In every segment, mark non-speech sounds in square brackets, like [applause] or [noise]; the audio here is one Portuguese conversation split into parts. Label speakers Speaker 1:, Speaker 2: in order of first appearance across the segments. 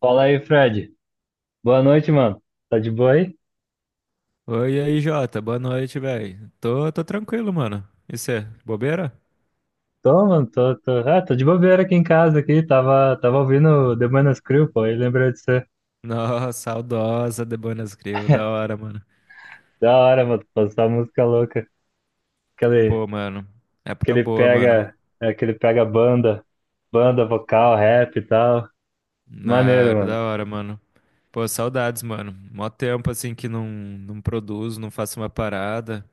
Speaker 1: Fala aí, Fred. Boa noite, mano. Tá de boa aí?
Speaker 2: Oi, e aí, Jota. Boa noite, velho. Tô tranquilo, mano. E cê, bobeira?
Speaker 1: Tô, mano, tô, tô. Ah, tô de bobeira aqui em casa, aqui. Tava ouvindo The Manas Crew, pô, e lembrei de você.
Speaker 2: [laughs] Nossa, saudosa de Buenos Grill. Da hora, mano.
Speaker 1: Da hora, mano, passar música louca. Aquele,
Speaker 2: Pô, mano. Época
Speaker 1: aquele
Speaker 2: boa, mano.
Speaker 1: pega, aquele pega banda vocal, rap e tal.
Speaker 2: Na,
Speaker 1: Maneiro, mano.
Speaker 2: da hora, mano. Pô, saudades, mano. Mó tempo, assim, que não produzo, não faço uma parada.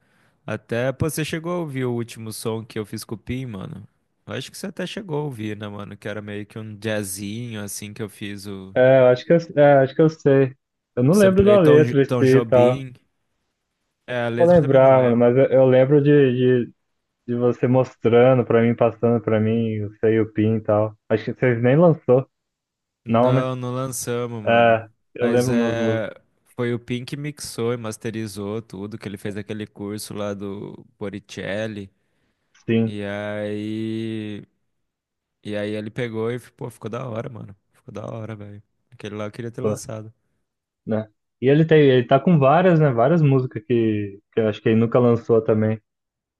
Speaker 2: Até, pô, você chegou a ouvir o último som que eu fiz com o Pim, mano? Eu acho que você até chegou a ouvir, né, mano? Que era meio que um jazzinho, assim, que eu fiz.
Speaker 1: É, eu acho que eu sei. Eu não lembro da
Speaker 2: Samplei Tom,
Speaker 1: letra em si
Speaker 2: Tom
Speaker 1: e tal.
Speaker 2: Jobim. É, a
Speaker 1: Vou
Speaker 2: letra eu também não
Speaker 1: lembrar, mano,
Speaker 2: lembro.
Speaker 1: mas eu lembro de você mostrando pra mim, passando pra mim, o seu e o Pin e tal. Acho que vocês nem lançou. Não, né?
Speaker 2: Não, não lançamos, mano.
Speaker 1: É, eu
Speaker 2: Mas
Speaker 1: lembro umas
Speaker 2: é.
Speaker 1: músicas,
Speaker 2: Foi o Pink que mixou e masterizou tudo, que ele fez aquele curso lá do Boricelli.
Speaker 1: sim,
Speaker 2: E aí. E aí ele pegou e, pô, ficou da hora, mano. Ficou da hora, velho. Aquele lá eu queria ter
Speaker 1: pô,
Speaker 2: lançado.
Speaker 1: né? E ele tá com várias, né? Várias músicas que eu acho que ele nunca lançou também.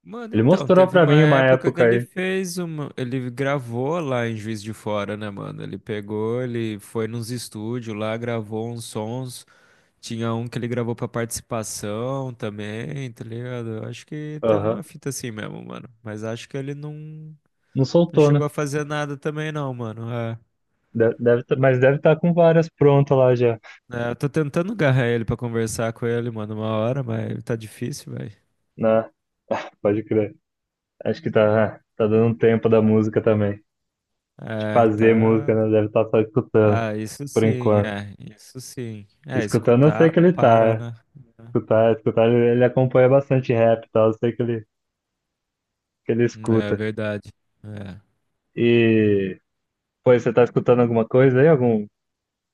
Speaker 2: Mano,
Speaker 1: Ele
Speaker 2: então,
Speaker 1: mostrou
Speaker 2: teve
Speaker 1: pra
Speaker 2: uma
Speaker 1: mim uma
Speaker 2: época que
Speaker 1: época
Speaker 2: ele
Speaker 1: aí.
Speaker 2: fez uma. Ele gravou lá em Juiz de Fora, né, mano? Ele pegou, ele foi nos estúdios lá, gravou uns sons. Tinha um que ele gravou pra participação também, tá ligado? Eu acho que teve
Speaker 1: Aham.
Speaker 2: uma fita assim mesmo, mano. Mas acho que ele não,
Speaker 1: Não
Speaker 2: não
Speaker 1: soltou, né?
Speaker 2: chegou a fazer nada também, não, mano. É.
Speaker 1: Mas deve estar com várias prontas lá já,
Speaker 2: É, eu tô tentando agarrar ele pra conversar com ele, mano, uma hora, mas tá difícil, velho.
Speaker 1: né? Pode crer. Acho que tá dando um tempo da música também. De
Speaker 2: É,
Speaker 1: fazer música,
Speaker 2: tá.
Speaker 1: né? Deve estar só escutando,
Speaker 2: Ah,
Speaker 1: por enquanto.
Speaker 2: isso sim. É,
Speaker 1: Escutando eu sei
Speaker 2: escutar
Speaker 1: que
Speaker 2: não
Speaker 1: ele tá,
Speaker 2: para,
Speaker 1: né?
Speaker 2: né?
Speaker 1: Escutar, ele acompanha bastante rap e tal, eu sei que ele
Speaker 2: É
Speaker 1: escuta.
Speaker 2: verdade. É.
Speaker 1: E Pois você tá escutando alguma coisa aí? Algum,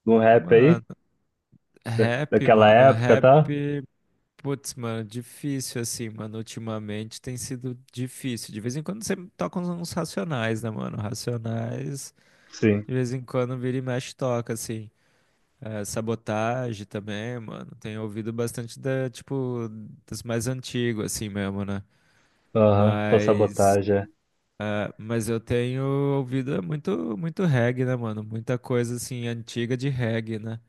Speaker 1: algum rap aí?
Speaker 2: Mano,
Speaker 1: Da-
Speaker 2: rap,
Speaker 1: daquela
Speaker 2: mano,
Speaker 1: época,
Speaker 2: rap.
Speaker 1: tá?
Speaker 2: Putz, mano, difícil assim, mano. Ultimamente tem sido difícil. De vez em quando você toca uns racionais, né, mano? Racionais,
Speaker 1: Sim.
Speaker 2: de vez em quando vira e mexe toca, assim. É, sabotagem também, mano. Tenho ouvido bastante tipo, das mais antigas, assim mesmo, né?
Speaker 1: Aham. Pô,
Speaker 2: Mas,
Speaker 1: sabotagem. É.
Speaker 2: ah, mas eu tenho ouvido muito, muito reggae, né, mano? Muita coisa, assim, antiga de reggae, né?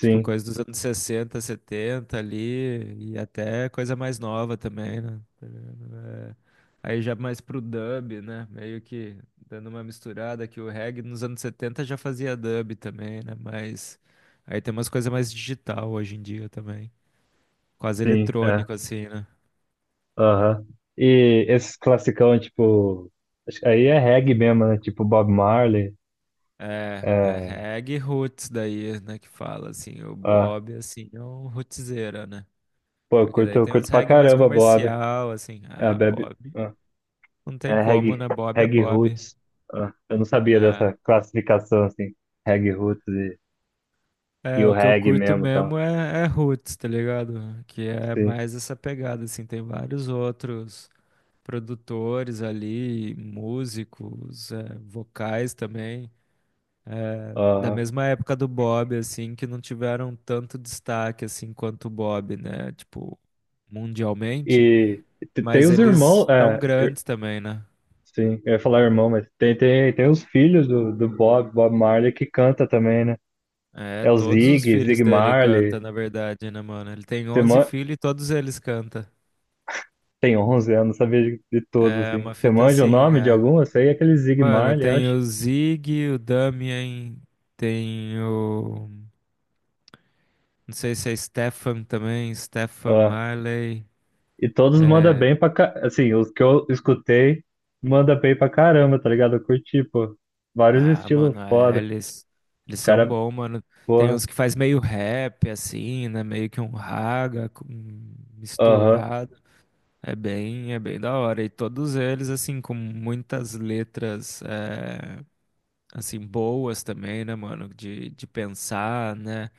Speaker 2: Tipo, coisa dos anos 60, 70 ali, e até coisa mais nova também, né? Tá ligado? É, aí já mais pro dub, né? Meio que dando uma misturada, que o reggae nos anos 70 já fazia dub também, né? Mas aí tem umas coisas mais digital hoje em dia também. Quase
Speaker 1: sim, é.
Speaker 2: eletrônico, assim, né?
Speaker 1: Aham. E esses classicão, tipo. Acho que aí é reggae mesmo, né? Tipo Bob Marley.
Speaker 2: É, é
Speaker 1: É.
Speaker 2: reggae roots daí, né, que fala, assim, o
Speaker 1: Ah,
Speaker 2: Bob, assim, é um rootzeira, né?
Speaker 1: pô, eu
Speaker 2: Porque
Speaker 1: curto,
Speaker 2: daí
Speaker 1: eu
Speaker 2: tem
Speaker 1: curto
Speaker 2: uns
Speaker 1: pra
Speaker 2: reggae mais
Speaker 1: caramba, Bob.
Speaker 2: comercial, assim,
Speaker 1: É,
Speaker 2: ah,
Speaker 1: Bebe.
Speaker 2: Bob.
Speaker 1: Ah,
Speaker 2: Não tem
Speaker 1: é
Speaker 2: como,
Speaker 1: reggae,
Speaker 2: né?
Speaker 1: reggae
Speaker 2: Bob.
Speaker 1: roots. Ah, eu não sabia
Speaker 2: É.
Speaker 1: dessa classificação, assim. Reggae roots e
Speaker 2: É,
Speaker 1: o
Speaker 2: o que eu
Speaker 1: reggae
Speaker 2: curto
Speaker 1: mesmo, tá?
Speaker 2: mesmo é, é roots, tá ligado? Que é
Speaker 1: Sim.
Speaker 2: mais essa pegada, assim, tem vários outros produtores ali, músicos, é, vocais também, da
Speaker 1: Aham.
Speaker 2: mesma época do Bob, assim, que não tiveram tanto destaque, assim, quanto o Bob, né? Tipo, mundialmente,
Speaker 1: E tem
Speaker 2: mas
Speaker 1: os irmãos,
Speaker 2: eles tão grandes também, né?
Speaker 1: sim, eu ia falar irmão, mas tem os filhos do Bob, Bob Marley que canta também, né?
Speaker 2: É,
Speaker 1: É o
Speaker 2: todos os
Speaker 1: Zig,
Speaker 2: filhos
Speaker 1: Zig
Speaker 2: dele cantam,
Speaker 1: Marley.
Speaker 2: na verdade, né, mano? Ele tem
Speaker 1: você
Speaker 2: 11
Speaker 1: man...
Speaker 2: filhos e todos eles cantam.
Speaker 1: Tem 11 anos, sabia de todos,
Speaker 2: É
Speaker 1: assim.
Speaker 2: uma
Speaker 1: Você
Speaker 2: fita
Speaker 1: manja o
Speaker 2: assim,
Speaker 1: nome de
Speaker 2: é.
Speaker 1: algum? Eu sei aquele Zig
Speaker 2: Mano,
Speaker 1: Marley,
Speaker 2: tem
Speaker 1: acho.
Speaker 2: o Zig, o Damien, tem o. Não sei se é Stefan também, Stefan
Speaker 1: Ó,
Speaker 2: Marley.
Speaker 1: e todos mandam
Speaker 2: É...
Speaker 1: bem assim, os que eu escutei, manda bem pra caramba, tá ligado? Eu curti, pô. Vários
Speaker 2: Ah,
Speaker 1: estilos
Speaker 2: mano, é,
Speaker 1: foda.
Speaker 2: eles. Eles são
Speaker 1: Cara,
Speaker 2: bons, mano. Tem
Speaker 1: porra,
Speaker 2: uns que faz meio rap, assim, né? Meio que um raga com-
Speaker 1: aham,
Speaker 2: misturado. É bem da hora. E todos eles, assim, com muitas letras, é, assim, boas também, né, mano? De pensar, né?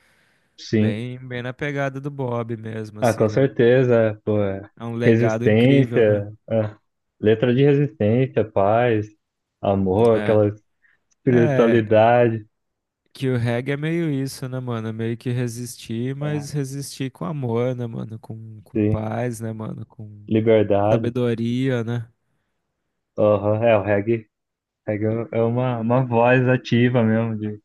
Speaker 1: sim.
Speaker 2: Bem na pegada do Bob mesmo,
Speaker 1: Ah,
Speaker 2: assim,
Speaker 1: com
Speaker 2: né, mano?
Speaker 1: certeza,
Speaker 2: É
Speaker 1: pô,
Speaker 2: um,
Speaker 1: é.
Speaker 2: é um legado incrível, né?
Speaker 1: Resistência, é. Letra de resistência, paz, amor,
Speaker 2: É.
Speaker 1: aquela
Speaker 2: É,
Speaker 1: espiritualidade,
Speaker 2: que o reggae é meio isso, né, mano? É meio que resistir,
Speaker 1: é,
Speaker 2: mas resistir com amor, né, mano? Com
Speaker 1: sim,
Speaker 2: paz, né, mano? Com
Speaker 1: liberdade.
Speaker 2: sabedoria, né?
Speaker 1: Aham, é, o reggae é uma voz ativa mesmo,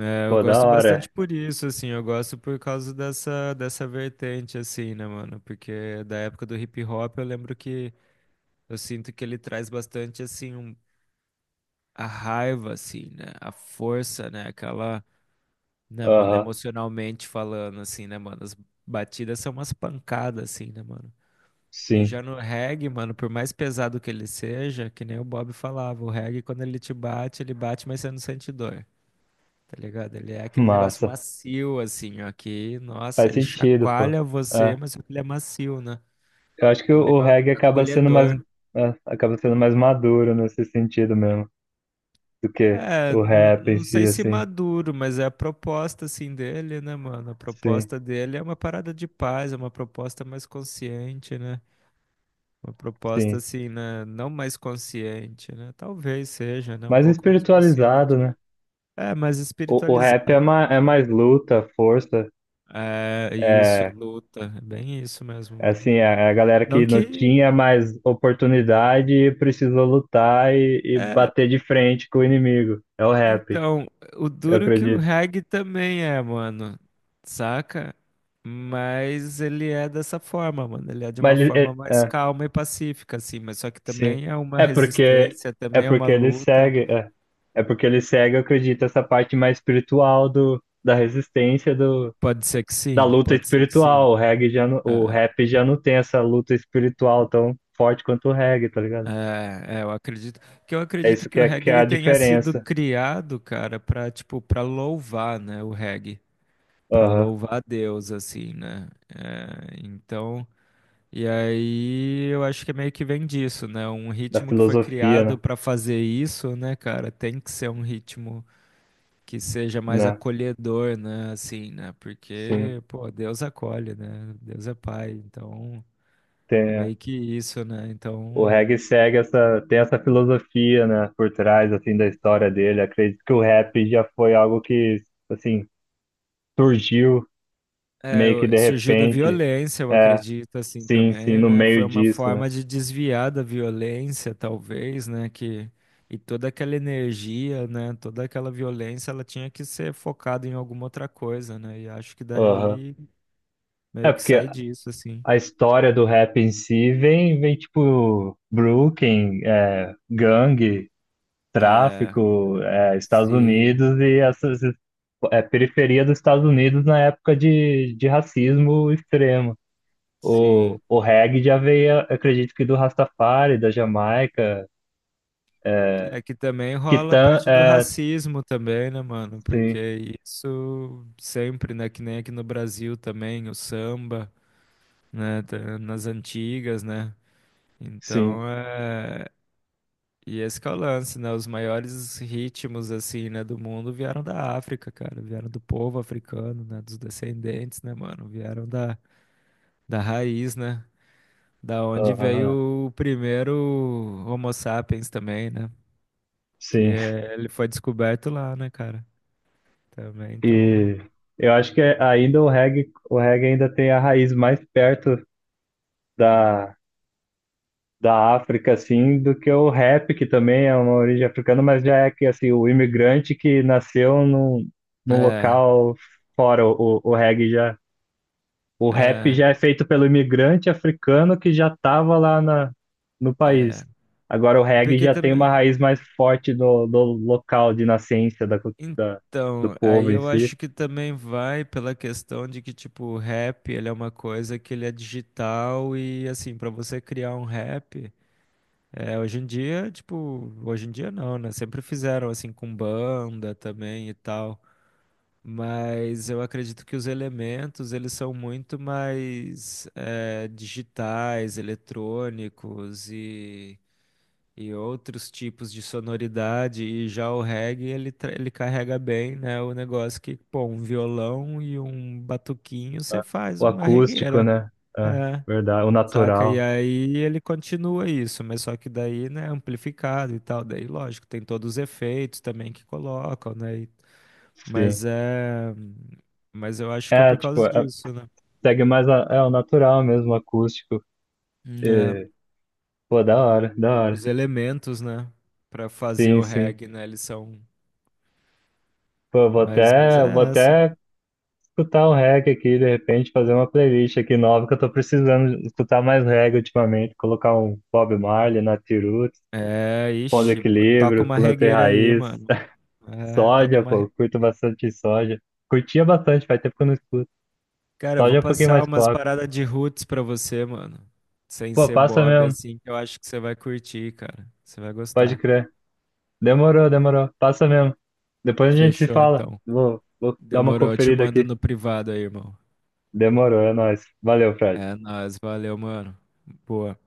Speaker 2: É, eu
Speaker 1: pô, da
Speaker 2: gosto bastante
Speaker 1: hora.
Speaker 2: por isso, assim, eu gosto por causa dessa vertente, assim, né, mano? Porque da época do hip hop eu lembro que eu sinto que ele traz bastante, assim, um- a raiva, assim, né? A força, né? Aquela, né, mano,
Speaker 1: Aham,
Speaker 2: emocionalmente falando, assim, né, mano? As batidas são umas pancadas, assim, né, mano? E já
Speaker 1: sim,
Speaker 2: no reggae, mano, por mais pesado que ele seja, que nem o Bob falava, o reggae, quando ele te bate, ele bate, mas você não sente dor, tá ligado? Ele é
Speaker 1: [laughs]
Speaker 2: aquele negócio
Speaker 1: massa,
Speaker 2: macio, assim, ó, que, nossa,
Speaker 1: faz
Speaker 2: ele
Speaker 1: sentido, pô.
Speaker 2: chacoalha você,
Speaker 1: É,
Speaker 2: mas ele é macio, né?
Speaker 1: eu acho que
Speaker 2: É
Speaker 1: o
Speaker 2: meio
Speaker 1: reggae acaba sendo mais,
Speaker 2: acolhedor.
Speaker 1: é, acaba sendo mais maduro nesse sentido mesmo, do que
Speaker 2: É,
Speaker 1: o
Speaker 2: n-
Speaker 1: rap em
Speaker 2: não
Speaker 1: si,
Speaker 2: sei se
Speaker 1: assim,
Speaker 2: maduro, mas é a proposta assim dele, né, mano? A
Speaker 1: sim,
Speaker 2: proposta dele é uma parada de paz, é uma proposta mais consciente, né? Uma proposta
Speaker 1: sim.
Speaker 2: assim, né? Não mais consciente, né? Talvez seja, né? Um
Speaker 1: Mais
Speaker 2: pouco mais
Speaker 1: espiritualizado,
Speaker 2: consciente.
Speaker 1: né?
Speaker 2: É, mais
Speaker 1: O rap
Speaker 2: espiritualizado.
Speaker 1: é mais luta, força,
Speaker 2: É, isso,
Speaker 1: é
Speaker 2: luta. É bem isso mesmo,
Speaker 1: é
Speaker 2: mano.
Speaker 1: assim, é a galera
Speaker 2: Não
Speaker 1: que não
Speaker 2: que.
Speaker 1: tinha mais oportunidade e precisou lutar e
Speaker 2: É,
Speaker 1: bater de frente com o inimigo. É o rap,
Speaker 2: então, o
Speaker 1: eu
Speaker 2: duro que o
Speaker 1: acredito.
Speaker 2: reggae também é, mano. Saca? Mas ele é dessa forma, mano. Ele é de uma
Speaker 1: Mas ele, é,
Speaker 2: forma mais
Speaker 1: é,
Speaker 2: calma e pacífica, assim. Mas só que
Speaker 1: sim.
Speaker 2: também é uma
Speaker 1: É porque
Speaker 2: resistência,
Speaker 1: é
Speaker 2: também é uma
Speaker 1: porque ele
Speaker 2: luta.
Speaker 1: segue, eu acredito, essa parte mais espiritual do, da resistência do,
Speaker 2: Pode ser que
Speaker 1: da
Speaker 2: sim,
Speaker 1: luta
Speaker 2: pode ser que sim.
Speaker 1: espiritual. O
Speaker 2: É.
Speaker 1: rap já não tem essa luta espiritual tão forte quanto o reggae, tá ligado?
Speaker 2: É, é, eu acredito que eu
Speaker 1: É
Speaker 2: acredito
Speaker 1: isso
Speaker 2: que
Speaker 1: que
Speaker 2: o
Speaker 1: é,
Speaker 2: reggae
Speaker 1: que é a
Speaker 2: ele tenha sido
Speaker 1: diferença,
Speaker 2: criado, cara, pra, tipo para louvar, né, o reggae, pra
Speaker 1: aham,
Speaker 2: louvar a Deus assim, né? É, então, e aí eu acho que é meio que vem disso, né? Um
Speaker 1: da
Speaker 2: ritmo que foi
Speaker 1: filosofia,
Speaker 2: criado
Speaker 1: né?
Speaker 2: pra fazer isso, né, cara, tem que ser um ritmo que seja mais
Speaker 1: Né?
Speaker 2: acolhedor, né, assim, né?
Speaker 1: Sim,
Speaker 2: Porque, pô, Deus acolhe, né? Deus é pai, então é
Speaker 1: tem,
Speaker 2: meio que isso, né?
Speaker 1: o
Speaker 2: Então
Speaker 1: reggae segue essa, tem essa filosofia, né, por trás, assim, da história dele. Acredito que o rap já foi algo que, assim, surgiu
Speaker 2: é,
Speaker 1: meio que
Speaker 2: o-
Speaker 1: de
Speaker 2: surgiu da
Speaker 1: repente,
Speaker 2: violência, eu
Speaker 1: é,
Speaker 2: acredito, assim
Speaker 1: sim, sim,
Speaker 2: também,
Speaker 1: no
Speaker 2: né? Foi
Speaker 1: meio
Speaker 2: uma
Speaker 1: disso, né?
Speaker 2: forma de desviar da violência, talvez, né? Que, e toda aquela energia, né? Toda aquela violência, ela tinha que ser focada em alguma outra coisa, né? E acho que
Speaker 1: Aham.
Speaker 2: daí meio
Speaker 1: É
Speaker 2: que
Speaker 1: porque
Speaker 2: sai disso, assim.
Speaker 1: a história do rap em si vem tipo Brooklyn, gangue,
Speaker 2: É,
Speaker 1: tráfico, Estados
Speaker 2: sim,
Speaker 1: Unidos e periferia dos Estados Unidos na época de racismo extremo. O,
Speaker 2: sim.
Speaker 1: o reggae já veio, acredito que do Rastafari, da Jamaica, é,
Speaker 2: É que também
Speaker 1: que
Speaker 2: rola a
Speaker 1: tan,
Speaker 2: parte do
Speaker 1: é,
Speaker 2: racismo também, né, mano?
Speaker 1: sim,
Speaker 2: Porque isso sempre, né? Que nem aqui no Brasil também, o samba, né, tá nas antigas, né?
Speaker 1: sim,
Speaker 2: Então é. E esse que é o lance, né? Os maiores ritmos, assim, né, do mundo vieram da África, cara. Vieram do povo africano, né? Dos descendentes, né, mano? Vieram da, da raiz, né? Da onde
Speaker 1: aham,
Speaker 2: veio o primeiro Homo sapiens também, né? Que
Speaker 1: sim.
Speaker 2: é- ele foi descoberto lá, né, cara? Também, então.
Speaker 1: E eu acho que ainda o reggae ainda tem a raiz mais perto da, da África, assim, do que o rap, que também é uma origem africana, mas já é que, assim, o imigrante que nasceu num
Speaker 2: É,
Speaker 1: local fora. O rap
Speaker 2: é,
Speaker 1: já é feito pelo imigrante africano que já estava lá na, no país.
Speaker 2: é.
Speaker 1: Agora o reggae
Speaker 2: Porque
Speaker 1: já tem uma
Speaker 2: também.
Speaker 1: raiz mais forte do local de nascença do
Speaker 2: Então, aí
Speaker 1: povo em
Speaker 2: eu
Speaker 1: si.
Speaker 2: acho que também vai pela questão de que, tipo, o rap, ele é uma coisa que ele é digital e, assim, pra você criar um rap, é, hoje em dia, tipo, hoje em dia não, né? Sempre fizeram, assim, com banda também e tal. Mas eu acredito que os elementos, eles são muito mais, é, digitais, eletrônicos e outros tipos de sonoridade, e já o reggae ele, tra- ele carrega bem, né? O negócio que, pô, um violão e um batuquinho você
Speaker 1: Ah,
Speaker 2: faz
Speaker 1: o
Speaker 2: uma
Speaker 1: acústico,
Speaker 2: regueira,
Speaker 1: né? É,
Speaker 2: é,
Speaker 1: verdade. O
Speaker 2: saca? E
Speaker 1: natural,
Speaker 2: aí ele continua isso, mas só que daí, né, amplificado e tal, daí lógico, tem todos os efeitos também que colocam, né? E-
Speaker 1: sim.
Speaker 2: mas é. Mas eu acho que é
Speaker 1: É,
Speaker 2: por
Speaker 1: tipo,
Speaker 2: causa disso, né?
Speaker 1: segue mais o natural mesmo, o acústico.
Speaker 2: Né,
Speaker 1: É, pô, da hora, da
Speaker 2: os
Speaker 1: hora.
Speaker 2: elementos, né, pra fazer
Speaker 1: Sim,
Speaker 2: o
Speaker 1: sim.
Speaker 2: reggae, né, eles são.
Speaker 1: Pô, eu vou
Speaker 2: Mas
Speaker 1: até, eu vou
Speaker 2: é essa.
Speaker 1: até escutar o reggae aqui, de repente, fazer uma playlist aqui nova, que eu tô precisando escutar mais reggae ultimamente. Colocar um Bob Marley, Nat Roots,
Speaker 2: É,
Speaker 1: Ponto de
Speaker 2: ixi, b- toca
Speaker 1: Equilíbrio,
Speaker 2: uma
Speaker 1: Plantei
Speaker 2: regueira aí,
Speaker 1: Raiz,
Speaker 2: mano.
Speaker 1: [laughs]
Speaker 2: É, toca
Speaker 1: Soja,
Speaker 2: uma
Speaker 1: pô,
Speaker 2: re...
Speaker 1: eu curto bastante Soja. Curtia bastante, faz tempo que eu não escuto.
Speaker 2: Cara, eu vou
Speaker 1: Soja é um pouquinho
Speaker 2: passar
Speaker 1: mais
Speaker 2: umas
Speaker 1: pop.
Speaker 2: paradas de roots pra você, mano. Sem
Speaker 1: Pô,
Speaker 2: ser
Speaker 1: passa
Speaker 2: Bob,
Speaker 1: mesmo,
Speaker 2: assim, que eu acho que você vai curtir, cara. Você vai
Speaker 1: pode
Speaker 2: gostar.
Speaker 1: crer. Demorou, demorou, passa mesmo. Depois a gente se
Speaker 2: Fechou,
Speaker 1: fala.
Speaker 2: então.
Speaker 1: Vou dar uma
Speaker 2: Demorou, eu te
Speaker 1: conferida
Speaker 2: mando
Speaker 1: aqui.
Speaker 2: no privado aí, irmão.
Speaker 1: Demorou, é nóis. Valeu, Fred.
Speaker 2: É nóis, valeu, mano. Boa.